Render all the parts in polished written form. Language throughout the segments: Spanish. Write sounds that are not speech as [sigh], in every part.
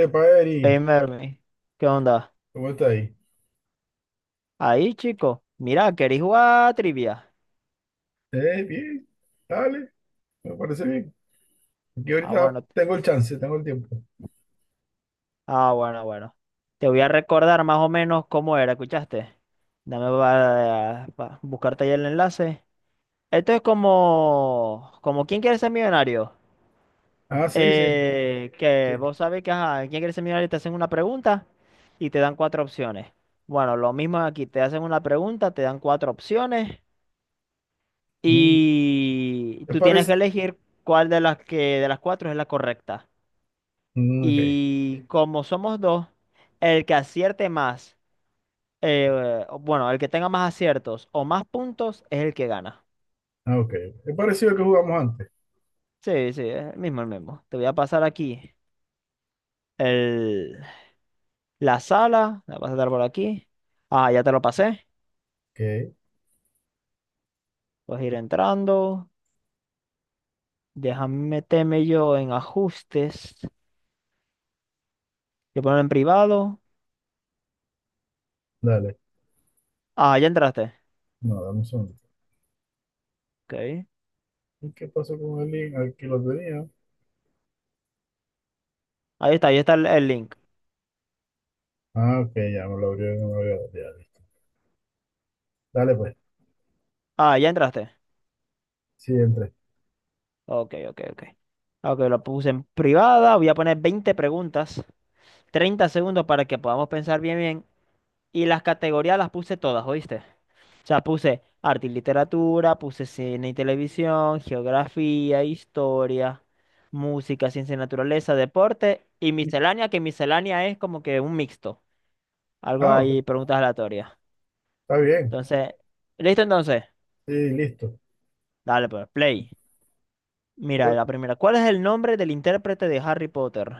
Epa, Eri, Hey Mermi, ¿qué onda? ¿cómo está ahí? Ahí, chico. Mira, ¿queréis jugar a trivia? Bien, dale, me parece bien. Aquí Ah, ahorita bueno, tengo el chance, tengo el tiempo. ah, bueno, bueno. Te voy a recordar más o menos cómo era, ¿escuchaste? Dame para buscarte ahí el enlace. Esto es como ¿quién quiere ser millonario? Ah, sí, sí, Que sí. vos sabés que, ajá, ¿quién quiere ser millonario? Te hacen una pregunta y te dan cuatro opciones. Bueno, lo mismo aquí, te hacen una pregunta, te dan cuatro opciones Mm, y ¿Te tú tienes parece? que elegir cuál de las que de las cuatro es la correcta. Mm, ok, Y como somos dos, el que acierte más, eh, bueno, el que tenga más aciertos o más puntos es el que gana. ah, ok. Es parecido al que jugamos antes. Sí, sí, es el mismo, el mismo. Te voy a pasar aquí el, la sala, la vas a dar por aquí. Ah, ya te lo pasé. Ok, Puedes ir entrando. Déjame meterme yo en ajustes. Yo pongo en privado. dale. Ah, ya entraste. No, dame un segundo. Ok. ¿Y qué pasó con el link? Aquí lo tenía. Ahí está el link. Ah, ok, ya me lo abrió, no me lo abrió. Ya, listo. Dale, pues, Ah, ya entraste. sí, entré. Ok, ok, ok. Ok, lo puse en privada. Voy a poner 20 preguntas, 30 segundos para que podamos pensar bien, bien. Y las categorías las puse todas, ¿oíste? O sea, puse arte y literatura, puse cine y televisión, geografía, historia, música, ciencia y naturaleza, deporte y miscelánea, que miscelánea es como que un mixto. Algo Ah, ahí, ok. preguntas aleatorias. Está bien. Entonces, ¿listo entonces? Sí, listo. Dale, pues, play. Mira, Pues, la primera. ¿Cuál es el nombre del intérprete de Harry Potter?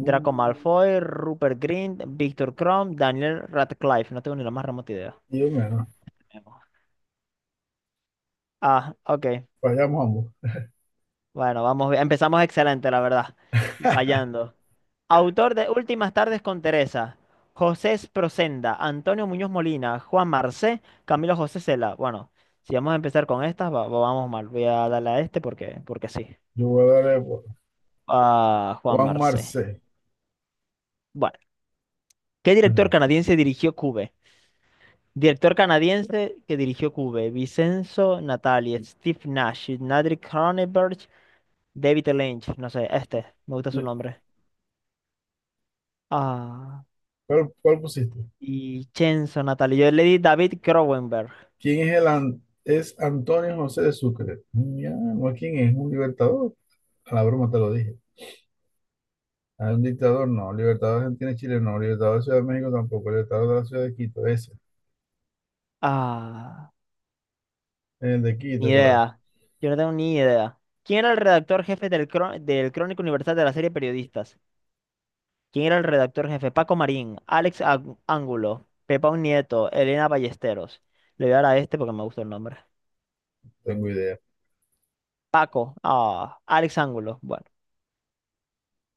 Draco Malfoy, Rupert Grint, Victor Crumb, Daniel Radcliffe. No tengo ni la más remota idea. Dios mío, no. Ah, ok. Fallamos ambos. Bueno, vamos bien. Empezamos excelente, la verdad. [laughs] Fallando. Autor de Últimas tardes con Teresa. José Procenda, Antonio Muñoz Molina, Juan Marcé, Camilo José Cela. Bueno, si vamos a empezar con estas, vamos mal. Voy a darle a este porque sí. Jugadores, Ah, Juan Juan Marcé. Marcé. Bueno, ¿qué director canadiense dirigió Cube? Director canadiense que dirigió Cube, Vincenzo Natali, Steve Nash, Patrick Cronenberg, David Lynch, no sé, me gusta su Eh, nombre. Ah, ¿cuál pusiste? y Chenzo Natali, yo le di David Cronenberg. ¿Quién es el es Antonio José de Sucre? Ya, no es quién es, un libertador. A la broma te lo dije. Ah, un dictador, no. Libertador de Argentina y Chile, no. Libertador de Ciudad de México tampoco. Libertador de la Ciudad de Quito, ese. Ah, El de ni Quito, claro. idea, yo no tengo ni idea. ¿Quién era el redactor jefe del Crónica Universal de la serie Periodistas? ¿Quién era el redactor jefe? Paco Marín, Alex Ángulo, Pepa Un Nieto, Elena Ballesteros. Le voy a dar a este porque me gusta el nombre. Tengo idea. Paco, ah, Alex Ángulo. Bueno.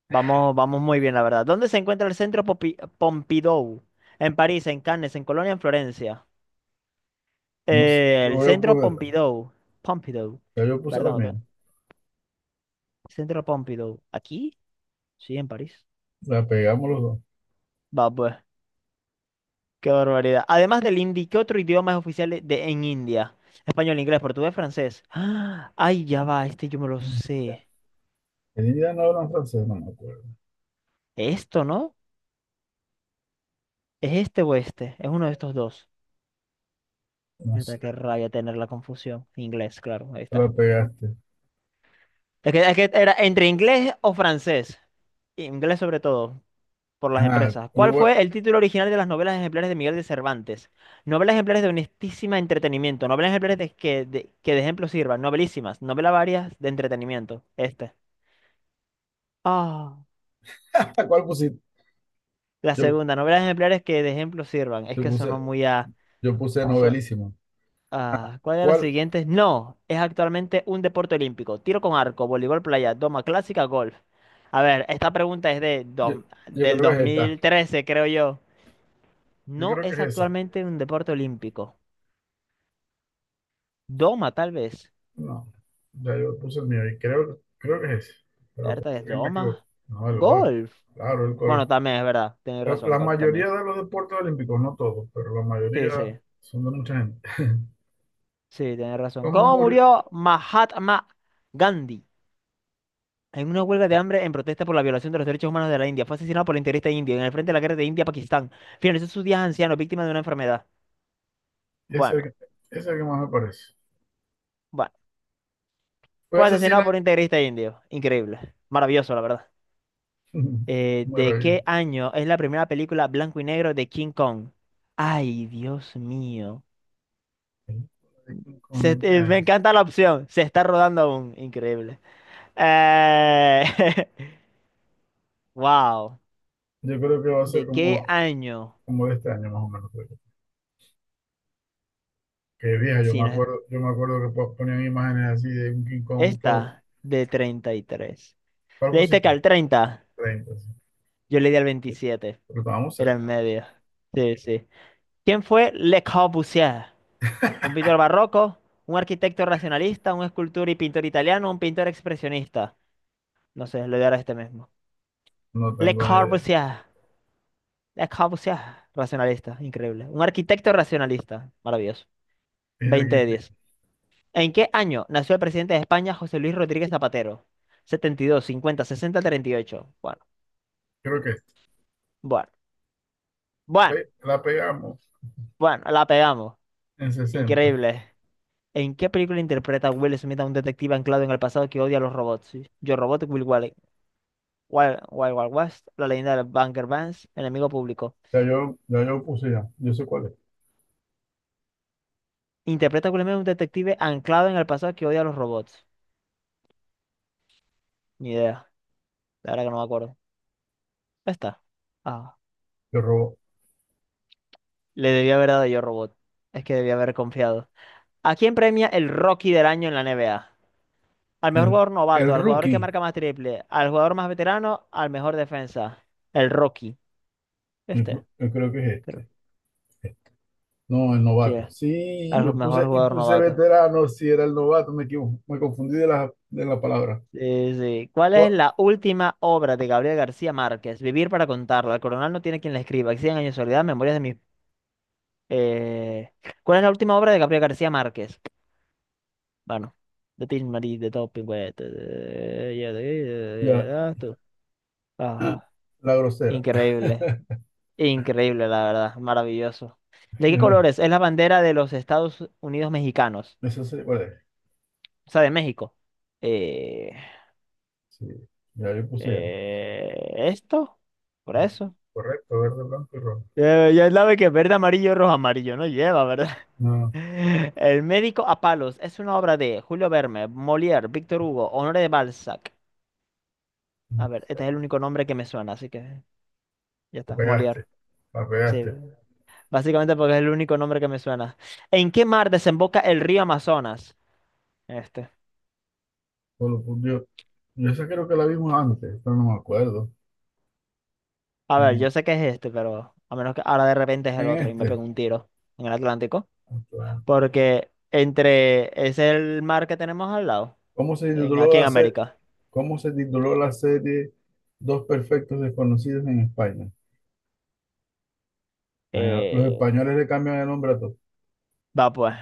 Vamos, vamos muy bien, la verdad. ¿Dónde se encuentra el centro Pompidou? En París, en Cannes, en Colonia, en Florencia. No sé. Yo El voy a centro poner, Pompidou. Pompidou. ya yo puse la Perdón, mía. Centro Pompidou. ¿Aquí? Sí, en París. La pegamos los dos. Va, pues. Qué barbaridad. Además del hindi, ¿qué otro idioma es oficial en India? Español, inglés, portugués, francés. ¡Ah! Ay, ya va, yo me lo Ya. sé. El indígena no habla francés, no me acuerdo. ¿Esto, no? ¿Es este o este? Es uno de estos dos. No sé, Ahorita qué rabia tener la confusión. Inglés, claro, ahí te la está. pegaste. Es que era entre inglés o francés. Inglés sobre todo, por las Ah, empresas. yo, ¿Cuál voy- fue el título original de las novelas ejemplares de Miguel de Cervantes? Novelas ejemplares de honestísima entretenimiento. Novelas ejemplares que de ejemplo sirvan. Novelísimas. Novelas varias de entretenimiento. Este. Ah. [laughs] ¿Cuál pusiste? La Yo, segunda. Novelas ejemplares que de ejemplo sirvan. Es yo que sonó puse, muy a... yo puse so- novelísimo. Ah, ¿cuál de los ¿Cuál? siguientes no es actualmente un deporte olímpico? Tiro con arco, voleibol playa, doma clásica, golf. A ver, esta pregunta es Yo, yo del creo que es esta. 2013, creo yo. Yo No creo que es es esa. actualmente un deporte olímpico. Doma, tal vez. No, ya yo puse el mío y creo que es ese. Pero puede ¿Verdad? ¿Es ser que me equivoque. doma? No, el gol. Golf. Claro, el Bueno, gol. también es verdad. Tienes La, razón, la golf mayoría también. de los deportes olímpicos, no todos, pero la Sí, mayoría sí. son de mucha gente. Sí, tienes [laughs] razón. ¿Cómo ¿Cómo murió? murió Mahatma Gandhi? En una huelga de hambre en protesta por la violación de los derechos humanos de la India, fue asesinado por la integrista indio en el frente de la guerra de India-Pakistán. Finalizó sus días anciano, víctima de una enfermedad. Ese es el que- Bueno, Ese es el que más me parece. bueno. Fue Fue asesinado asesinado. por un integrista indio. Increíble. Maravilloso, la verdad. [laughs] ¿De qué Maravilloso. año es la primera película blanco y negro de King Kong? Ay, Dios mío. Me encanta la opción. Se está rodando aún. Increíble. Eh, [laughs] Wow. Yo creo que va a ser ¿De qué año? como de este año más o menos. Creo yo. Que vieja, Si no es yo me acuerdo que ponían imágenes así de un King Kong todo. esta, de 33. ¿Cuál Le diste que pusiste? al 30, 30, sí. yo le di al 27, Pero estábamos era cerca. en medio. Sí, sí. ¿Quién fue Le Corbusier? Un pintor barroco, un arquitecto racionalista, un escultor y pintor italiano, un pintor expresionista. No sé, lo de ahora este mismo. No Le tengo ni idea. Corbusier, Le Corbusier, racionalista, increíble. Un arquitecto racionalista, maravilloso. Dije 20 de 10. arquitecto. ¿En qué año nació el presidente de España, José Luis Rodríguez Zapatero? 72, 50, 60, 38. Bueno, Creo que este. bueno, bueno, Ve, la pegamos bueno, la pegamos. en 60. Increíble. ¿En qué película interpreta Will Smith a un detective anclado en el pasado que odia a los robots? Sí. Yo Robot, Will Wally, Wild, Wild Wild West, La leyenda del Bunker Vance, Enemigo Público. Ya yo puse ya. Yo sé cuál es. Interpreta a Will Smith a un detective anclado en el pasado que odia a los robots. Ni idea, la verdad que no me acuerdo. Está. Ah, Yo robo. le debía haber dado Yo Robot. Es que debía haber confiado. ¿A quién premia el Rocky del año en la NBA? Al mejor El, jugador el novato, al jugador que rookie. marca más triple, al jugador más veterano, al mejor defensa. El Rocky. Este, Yo creo que es creo. este. No, el Sí, novato. Sí, al yo mejor puse y jugador puse novato. veterano. Sí, era el novato. Me confundí de de la palabra. Sí, sí. ¿Cuál es Gua- la última obra de Gabriel García Márquez? Vivir para contarlo. El coronel no tiene quien la escriba. Cien años de soledad, memorias de mis... eh, ¿Cuál es la última obra de Gabriel García Márquez? Bueno, de Tin Marín, de Todo Pingüete, Ya. Ah, tú. Ah, Ah, la grosera. increíble. Increíble, la verdad. Maravilloso. ¿De qué [laughs] colores es la bandera de los Estados Unidos mexicanos? Eso sí, ¿cuál es? O sea, de México. Eh, Sí, ya yo puse ya. ¿esto? ¿Por eso? Correcto, verde, blanco y rojo. Ya, ya sabe que verde, amarillo, rojo, amarillo no lleva, ¿verdad? No, [laughs] El médico a palos es una obra de Julio Verne, Molière, Víctor Hugo, Honoré de Balzac. A no. ver, este Sé. es el único nombre que me suena, así que ya La está, Molière. pegaste, la Sí, pegaste. básicamente porque es el único nombre que me suena. ¿En qué mar desemboca el río Amazonas? Este. Solo por Dios. Yo esa creo que la vimos antes, pero no me acuerdo. A ver, En, yo sé que es este, pero a menos que ahora de repente es el en otro y me este. pego un tiro en el Atlántico, Claro. porque entre es el mar que tenemos al lado, ¿Cómo se en, tituló aquí en la serie? América. ¿Cómo se tituló la serie Dos Perfectos Desconocidos en España? Ah, los Eh, españoles le cambian el nombre a todos. Va, pues.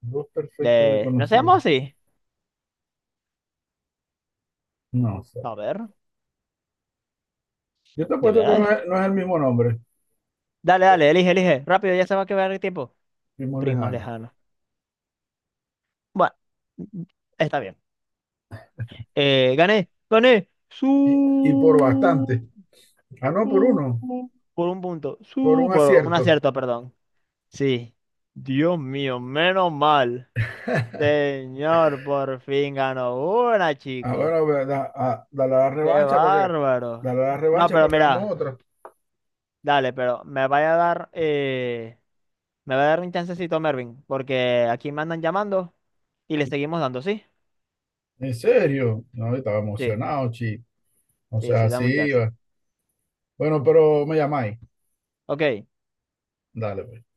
Dos Perfectos No Desconocidos. seamos así. No sé. A ver, Yo te apuesto que deberá esto. No es el mismo nombre, Dale, dale, elige, elige. Rápido, ya se va a quedar el tiempo. mismo Primos lejano. lejanos. Bueno, mm, está bien. Gané, gané. Y por bastante. Ah, no, por uno. Por un punto. Por Su. un Por un acierto. acierto, perdón. Sí. Dios mío, menos mal. Señor, por fin ganó una, Ah, chico. bueno, ve, dale la Qué revancha bárbaro. dale la No, revancha para pero que hagamos mira. otra. Dale, pero me vaya a dar. Me va a dar un chancecito, Mervin, porque aquí me andan llamando y le seguimos dando, ¿sí? ¿En serio? No, yo estaba Sí, emocionado, chi. O sí, sí, sea, dame un sí. chance. Va. Bueno, pero me llamáis. Ok, Dale, pues.